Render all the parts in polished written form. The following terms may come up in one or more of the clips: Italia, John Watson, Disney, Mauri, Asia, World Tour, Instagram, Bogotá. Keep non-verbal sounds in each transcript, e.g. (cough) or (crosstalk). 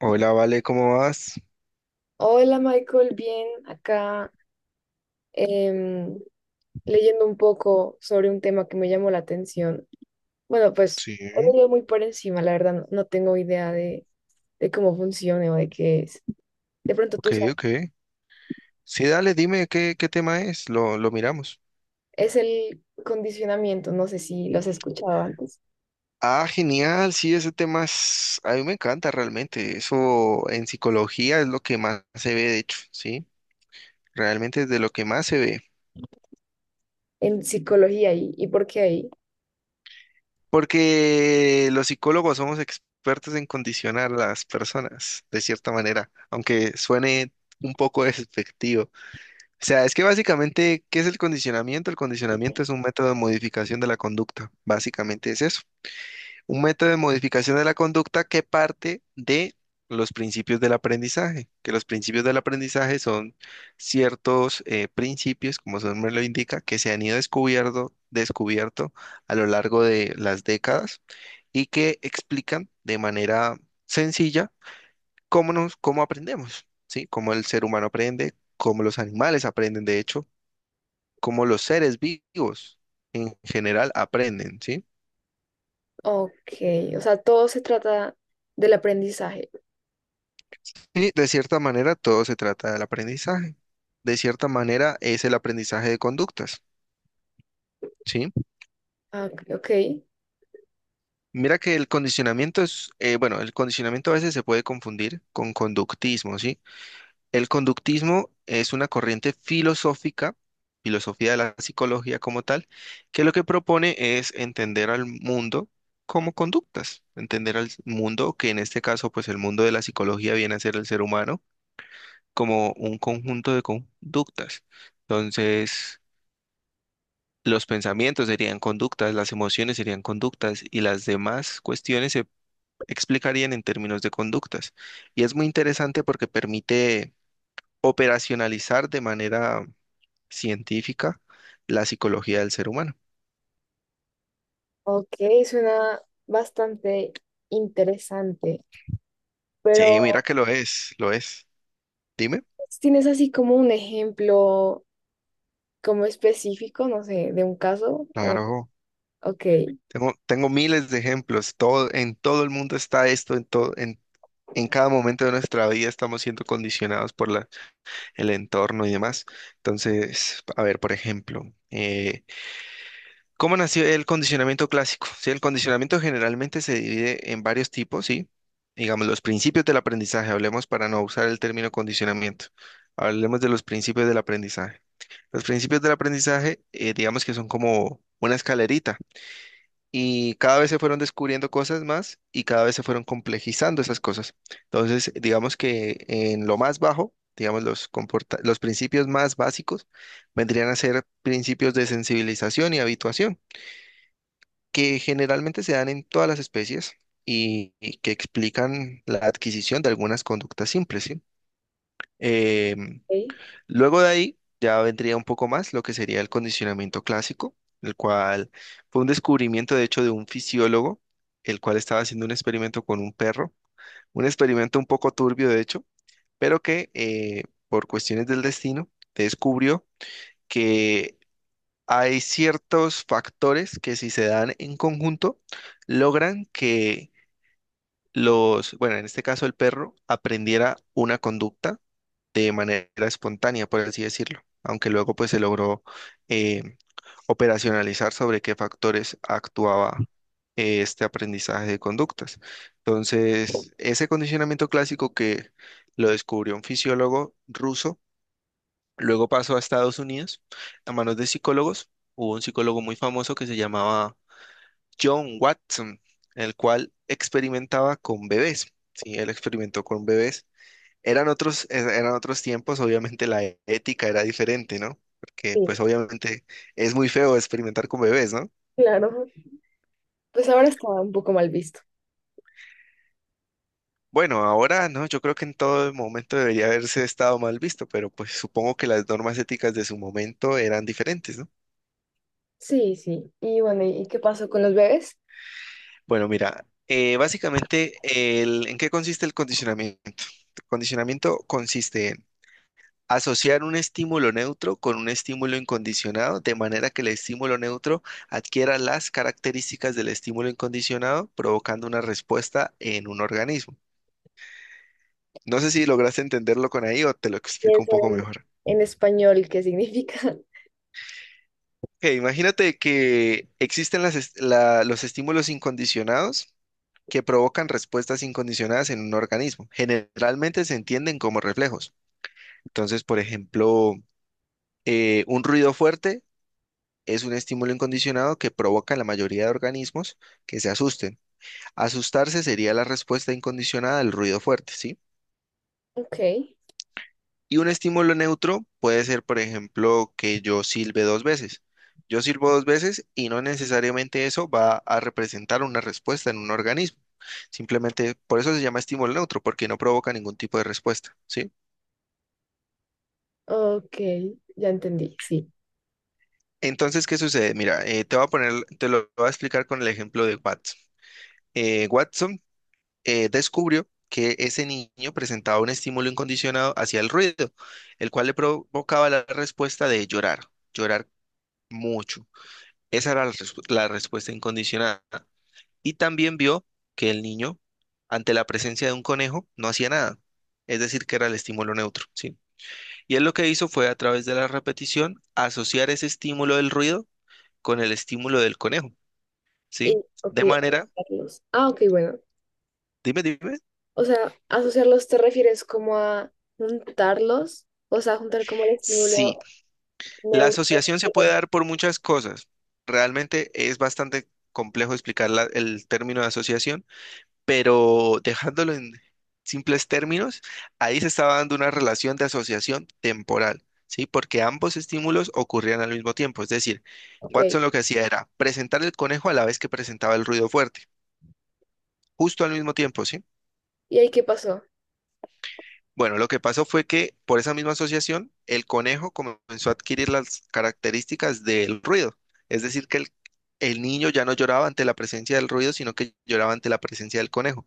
Hola, Vale, ¿cómo vas? Hola Michael, bien, acá em, leyendo un poco sobre un tema que me llamó la atención. Bueno, pues Sí, hoy lo leo muy por encima, la verdad no tengo idea de cómo funciona o de qué es. De pronto ok, tú sabes, ok. Sí, dale, dime qué tema es, lo miramos. es el condicionamiento, no sé si lo has escuchado antes, Ah, genial, sí, a mí me encanta realmente. Eso en psicología es lo que más se ve, de hecho, sí, realmente es de lo que más se ve. en psicología y por qué ahí. Porque los psicólogos somos expertos en condicionar a las personas, de cierta manera, aunque suene un poco (laughs) despectivo. O sea, es que básicamente, ¿qué es el condicionamiento? El condicionamiento es un método de modificación de la conducta. Básicamente es eso. Un método de modificación de la conducta que parte de los principios del aprendizaje, que los principios del aprendizaje son ciertos principios, como su nombre lo indica, que se han ido descubierto a lo largo de las décadas y que explican de manera sencilla cómo aprendemos, ¿sí? Cómo el ser humano aprende, cómo los animales aprenden, de hecho como los seres vivos en general aprenden, ¿sí? Ok, o sea, todo se trata del aprendizaje. Y de cierta manera todo se trata del aprendizaje. De cierta manera es el aprendizaje de conductas, ¿sí? Ah, ok, Mira que el condicionamiento es, bueno, el condicionamiento a veces se puede confundir con conductismo, ¿sí? El conductismo es una corriente filosófica, filosofía de la psicología como tal, que lo que propone es entender al mundo como conductas, entender al mundo, que en este caso, pues el mundo de la psicología viene a ser el ser humano, como un conjunto de conductas. Entonces, los pensamientos serían conductas, las emociones serían conductas y las demás cuestiones se explicarían en términos de conductas. Y es muy interesante porque permite operacionalizar de manera científica la psicología del ser humano. ok, suena bastante interesante, Sí, pero... mira que lo es, lo es. Dime. ¿Tienes así como un ejemplo como específico, no sé, de un caso? O, Claro, ok, tengo miles de ejemplos. Todo, en todo el mundo está esto, en cada momento de nuestra vida estamos siendo condicionados por el entorno y demás. Entonces, a ver, por ejemplo, eh, ¿cómo nació el condicionamiento clásico? Sí, el condicionamiento generalmente se divide en varios tipos, ¿sí? Digamos, los principios del aprendizaje, hablemos para no usar el término condicionamiento, hablemos de los principios del aprendizaje. Los principios del aprendizaje, digamos que son como una escalerita y cada vez se fueron descubriendo cosas más y cada vez se fueron complejizando esas cosas. Entonces, digamos que en lo más bajo, digamos, los principios más básicos vendrían a ser principios de sensibilización y habituación que generalmente se dan en todas las especies y que explican la adquisición de algunas conductas simples, ¿sí? Em, ok, Luego de ahí ya vendría un poco más lo que sería el condicionamiento clásico, el cual fue un descubrimiento de hecho de un fisiólogo, el cual estaba haciendo un experimento con un perro, un experimento un poco turbio de hecho, pero que por cuestiones del destino descubrió que hay ciertos factores que si se dan en conjunto, logran que bueno, en este caso el perro, aprendiera una conducta de manera espontánea, por así decirlo, aunque luego pues se logró eh, operacionalizar sobre qué factores actuaba este aprendizaje de conductas. Entonces, ese condicionamiento clásico que lo descubrió un fisiólogo ruso, luego pasó a Estados Unidos a manos de psicólogos. Hubo un psicólogo muy famoso que se llamaba John Watson, el cual experimentaba con bebés. Sí, él experimentó con bebés. Eran otros tiempos, obviamente ética era diferente, ¿no? Porque sí, pues obviamente es muy feo experimentar con bebés, ¿no? claro. Pues ahora está un poco mal visto. Bueno, ahora no, yo creo que en todo momento debería haberse estado mal visto, pero pues supongo que las normas éticas de su momento eran diferentes, ¿no? Sí, sí. Y bueno, ¿y qué pasó con los bebés? Bueno, mira, básicamente, ¿en qué consiste el condicionamiento? El condicionamiento consiste en asociar un estímulo neutro con un estímulo incondicionado, de manera que el estímulo neutro adquiera las características del estímulo incondicionado, provocando una respuesta en un organismo. No sé si lograste entenderlo con ahí o te lo Y explico un eso poco mejor. en español, ¿qué significa? (laughs) Ok, imagínate que existen los estímulos incondicionados que provocan respuestas incondicionadas en un organismo. Generalmente se entienden como reflejos. Entonces, por ejemplo, un ruido fuerte es un estímulo incondicionado que provoca en la mayoría de organismos que se asusten. Asustarse sería la respuesta incondicionada al ruido fuerte, ¿sí? Ok, Y un estímulo neutro puede ser, por ejemplo, que yo silbe dos veces. Yo silbo dos veces y no necesariamente eso va a representar una respuesta en un organismo. Simplemente por eso se llama estímulo neutro, porque no provoca ningún tipo de respuesta, ¿sí? ok, ya entendí, sí. Entonces, ¿qué sucede? Mira, te lo voy a explicar con el ejemplo de Watson. Watson descubrió que ese niño presentaba un estímulo incondicionado hacia el ruido, el cual le provocaba la respuesta de llorar, llorar mucho. Esa era la respuesta incondicionada. Y también vio que el niño, ante la presencia de un conejo, no hacía nada. Es decir, que era el estímulo neutro, ¿sí? Y él lo que hizo fue, a través de la repetición, asociar ese estímulo del ruido con el estímulo del conejo, ¿sí? Y, ok, De manera, asociarlos. Ah, ok, bueno. dime, dime. O sea, asociarlos te refieres como a juntarlos, o sea, juntar como el Sí, estímulo la neutro. asociación se puede dar por muchas cosas. Realmente es bastante complejo explicar el término de asociación, pero dejándolo en simples términos, ahí se estaba dando una relación de asociación temporal, ¿sí? Porque ambos estímulos ocurrían al mismo tiempo. Es decir, Ok, Watson lo que hacía era presentar el conejo a la vez que presentaba el ruido fuerte, justo al mismo tiempo, ¿sí? ¿y ahí qué pasó? Bueno, lo que pasó fue que por esa misma asociación, el conejo comenzó a adquirir las características del ruido. Es decir, que el niño ya no lloraba ante la presencia del ruido, sino que lloraba ante la presencia del conejo.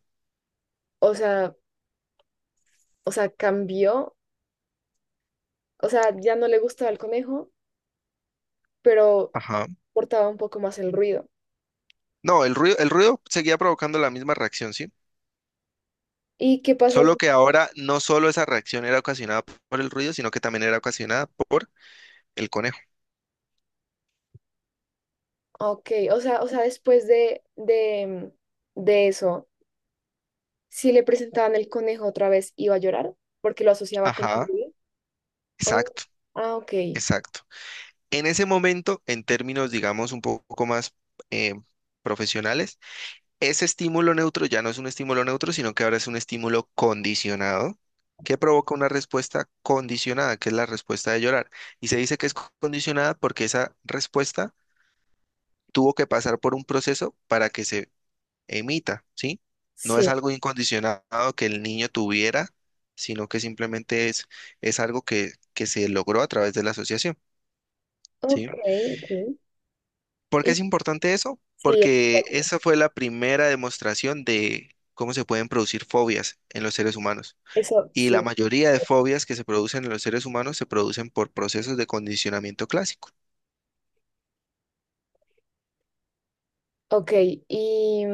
O sea, cambió, o sea, ya no le gustaba el conejo, pero Ajá. portaba un poco más el ruido. No, el ruido seguía provocando la misma reacción, ¿sí? ¿Y qué pasa? Solo que ahora no solo esa reacción era ocasionada por el ruido, sino que también era ocasionada por el conejo. Ok, o sea, después de eso, si le presentaban el conejo otra vez, iba a llorar porque lo asociaba con el Ajá, ruido. Oh, exacto, ah, ok, exacto. En ese momento, en términos, digamos, un poco más eh, profesionales, ese estímulo neutro ya no es un estímulo neutro, sino que ahora es un estímulo condicionado que provoca una respuesta condicionada, que es la respuesta de llorar. Y se dice que es condicionada porque esa respuesta tuvo que pasar por un proceso para que se emita, ¿sí? No es sí, algo incondicionado que el niño tuviera, sino que simplemente es algo que se logró a través de la asociación, ok, ¿sí? ok. ¿Por qué Y es importante eso? sí, Porque esa fue la primera demostración de cómo se pueden producir fobias en los seres humanos. eso Y la sí. mayoría de fobias que se producen en los seres humanos se producen por procesos de condicionamiento clásico. Ok, y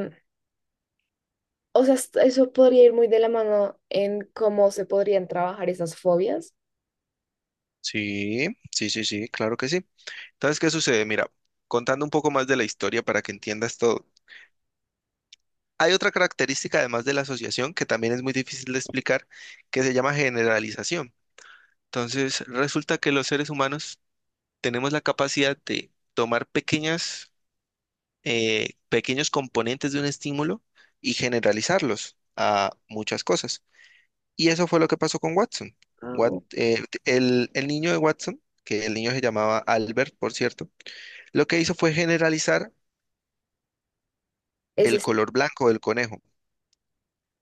o sea, eso podría ir muy de la mano en cómo se podrían trabajar esas fobias. Sí, sí, sí, sí, claro que sí. Entonces, ¿qué sucede? Mira, contando un poco más de la historia para que entiendas todo. Hay otra característica, además de la asociación, que también es muy difícil de explicar, que se llama generalización. Entonces, resulta que los seres humanos tenemos la capacidad de tomar pequeñas pequeños componentes de un estímulo y generalizarlos a muchas cosas. Y eso fue lo que pasó con Watson. Ah, ok. El niño de Watson, que el niño se llamaba Albert, por cierto, lo que hizo fue generalizar el Ese color blanco del conejo,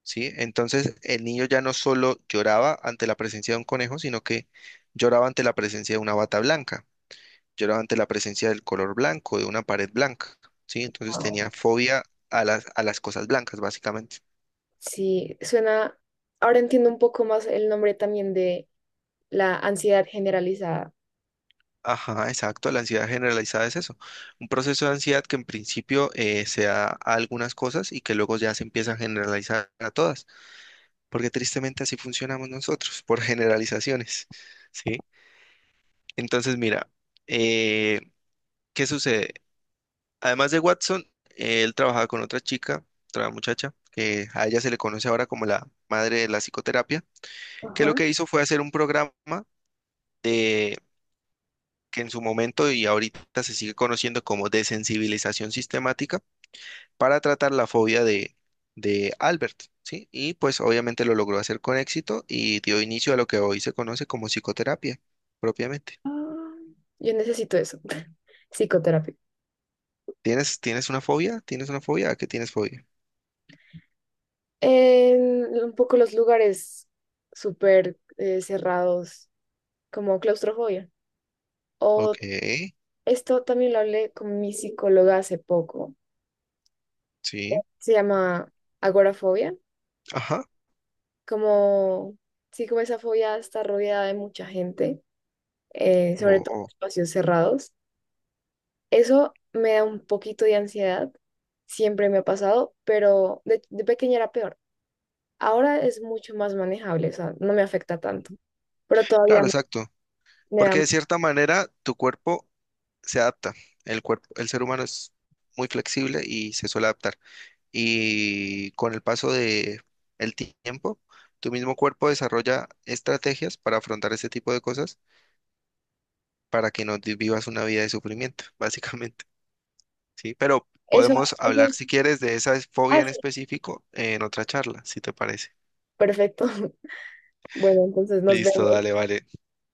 ¿sí? Entonces el niño ya no solo lloraba ante la presencia de un conejo, sino que lloraba ante la presencia de una bata blanca, lloraba ante la presencia del color blanco, de una pared blanca, ¿sí? Entonces tenía fobia a a las cosas blancas, básicamente. sí, suena, ahora entiendo un poco más el nombre también de la ansiedad generalizada. Ajá, exacto. La ansiedad generalizada es eso. Un proceso de ansiedad que en principio se da a algunas cosas y que luego ya se empieza a generalizar a todas, porque tristemente así funcionamos nosotros, por generalizaciones, ¿sí? Entonces, mira, eh, ¿qué sucede? Además de Watson, él trabajaba con otra chica, otra muchacha, que a ella se le conoce ahora como la madre de la psicoterapia, que Ajá. lo que hizo fue hacer un programa que en su momento y ahorita se sigue conociendo como desensibilización sistemática para tratar la fobia de Albert, ¿sí? Y pues obviamente lo logró hacer con éxito y dio inicio a lo que hoy se conoce como psicoterapia propiamente. Ah, Yo necesito eso, (laughs) psicoterapia. ¿Tienes, tienes una fobia? ¿Tienes una fobia? ¿A qué tienes fobia? En un poco los lugares súper cerrados, como claustrofobia. O Ok, esto también lo hablé con mi psicóloga hace poco. sí, Se llama agorafobia, ajá. como, sí, como esa fobia está rodeada de mucha gente, sobre O, todo en o, espacios cerrados. Eso me da un poquito de ansiedad, siempre me ha pasado, pero de pequeña era peor. Ahora es mucho más manejable, o sea, no me afecta tanto, pero todavía claro, exacto. me Porque da... de cierta manera tu cuerpo se adapta. El cuerpo, el ser humano es muy flexible y se suele adaptar. Y con el paso de el tiempo, tu mismo cuerpo desarrolla estrategias para afrontar este tipo de cosas para que no te- vivas una vida de sufrimiento, (laughs) básicamente, ¿sí? Pero Eso, podemos eso hablar, es... si quieres, de esa fobia Ah, en sí. específico en otra charla, si te parece. Perfecto. (laughs) Bueno, entonces nos Listo, vemos. dale, vale.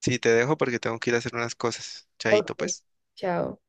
Sí, te dejo porque tengo que ir a hacer unas cosas. Ok, Chaito, pues. chao.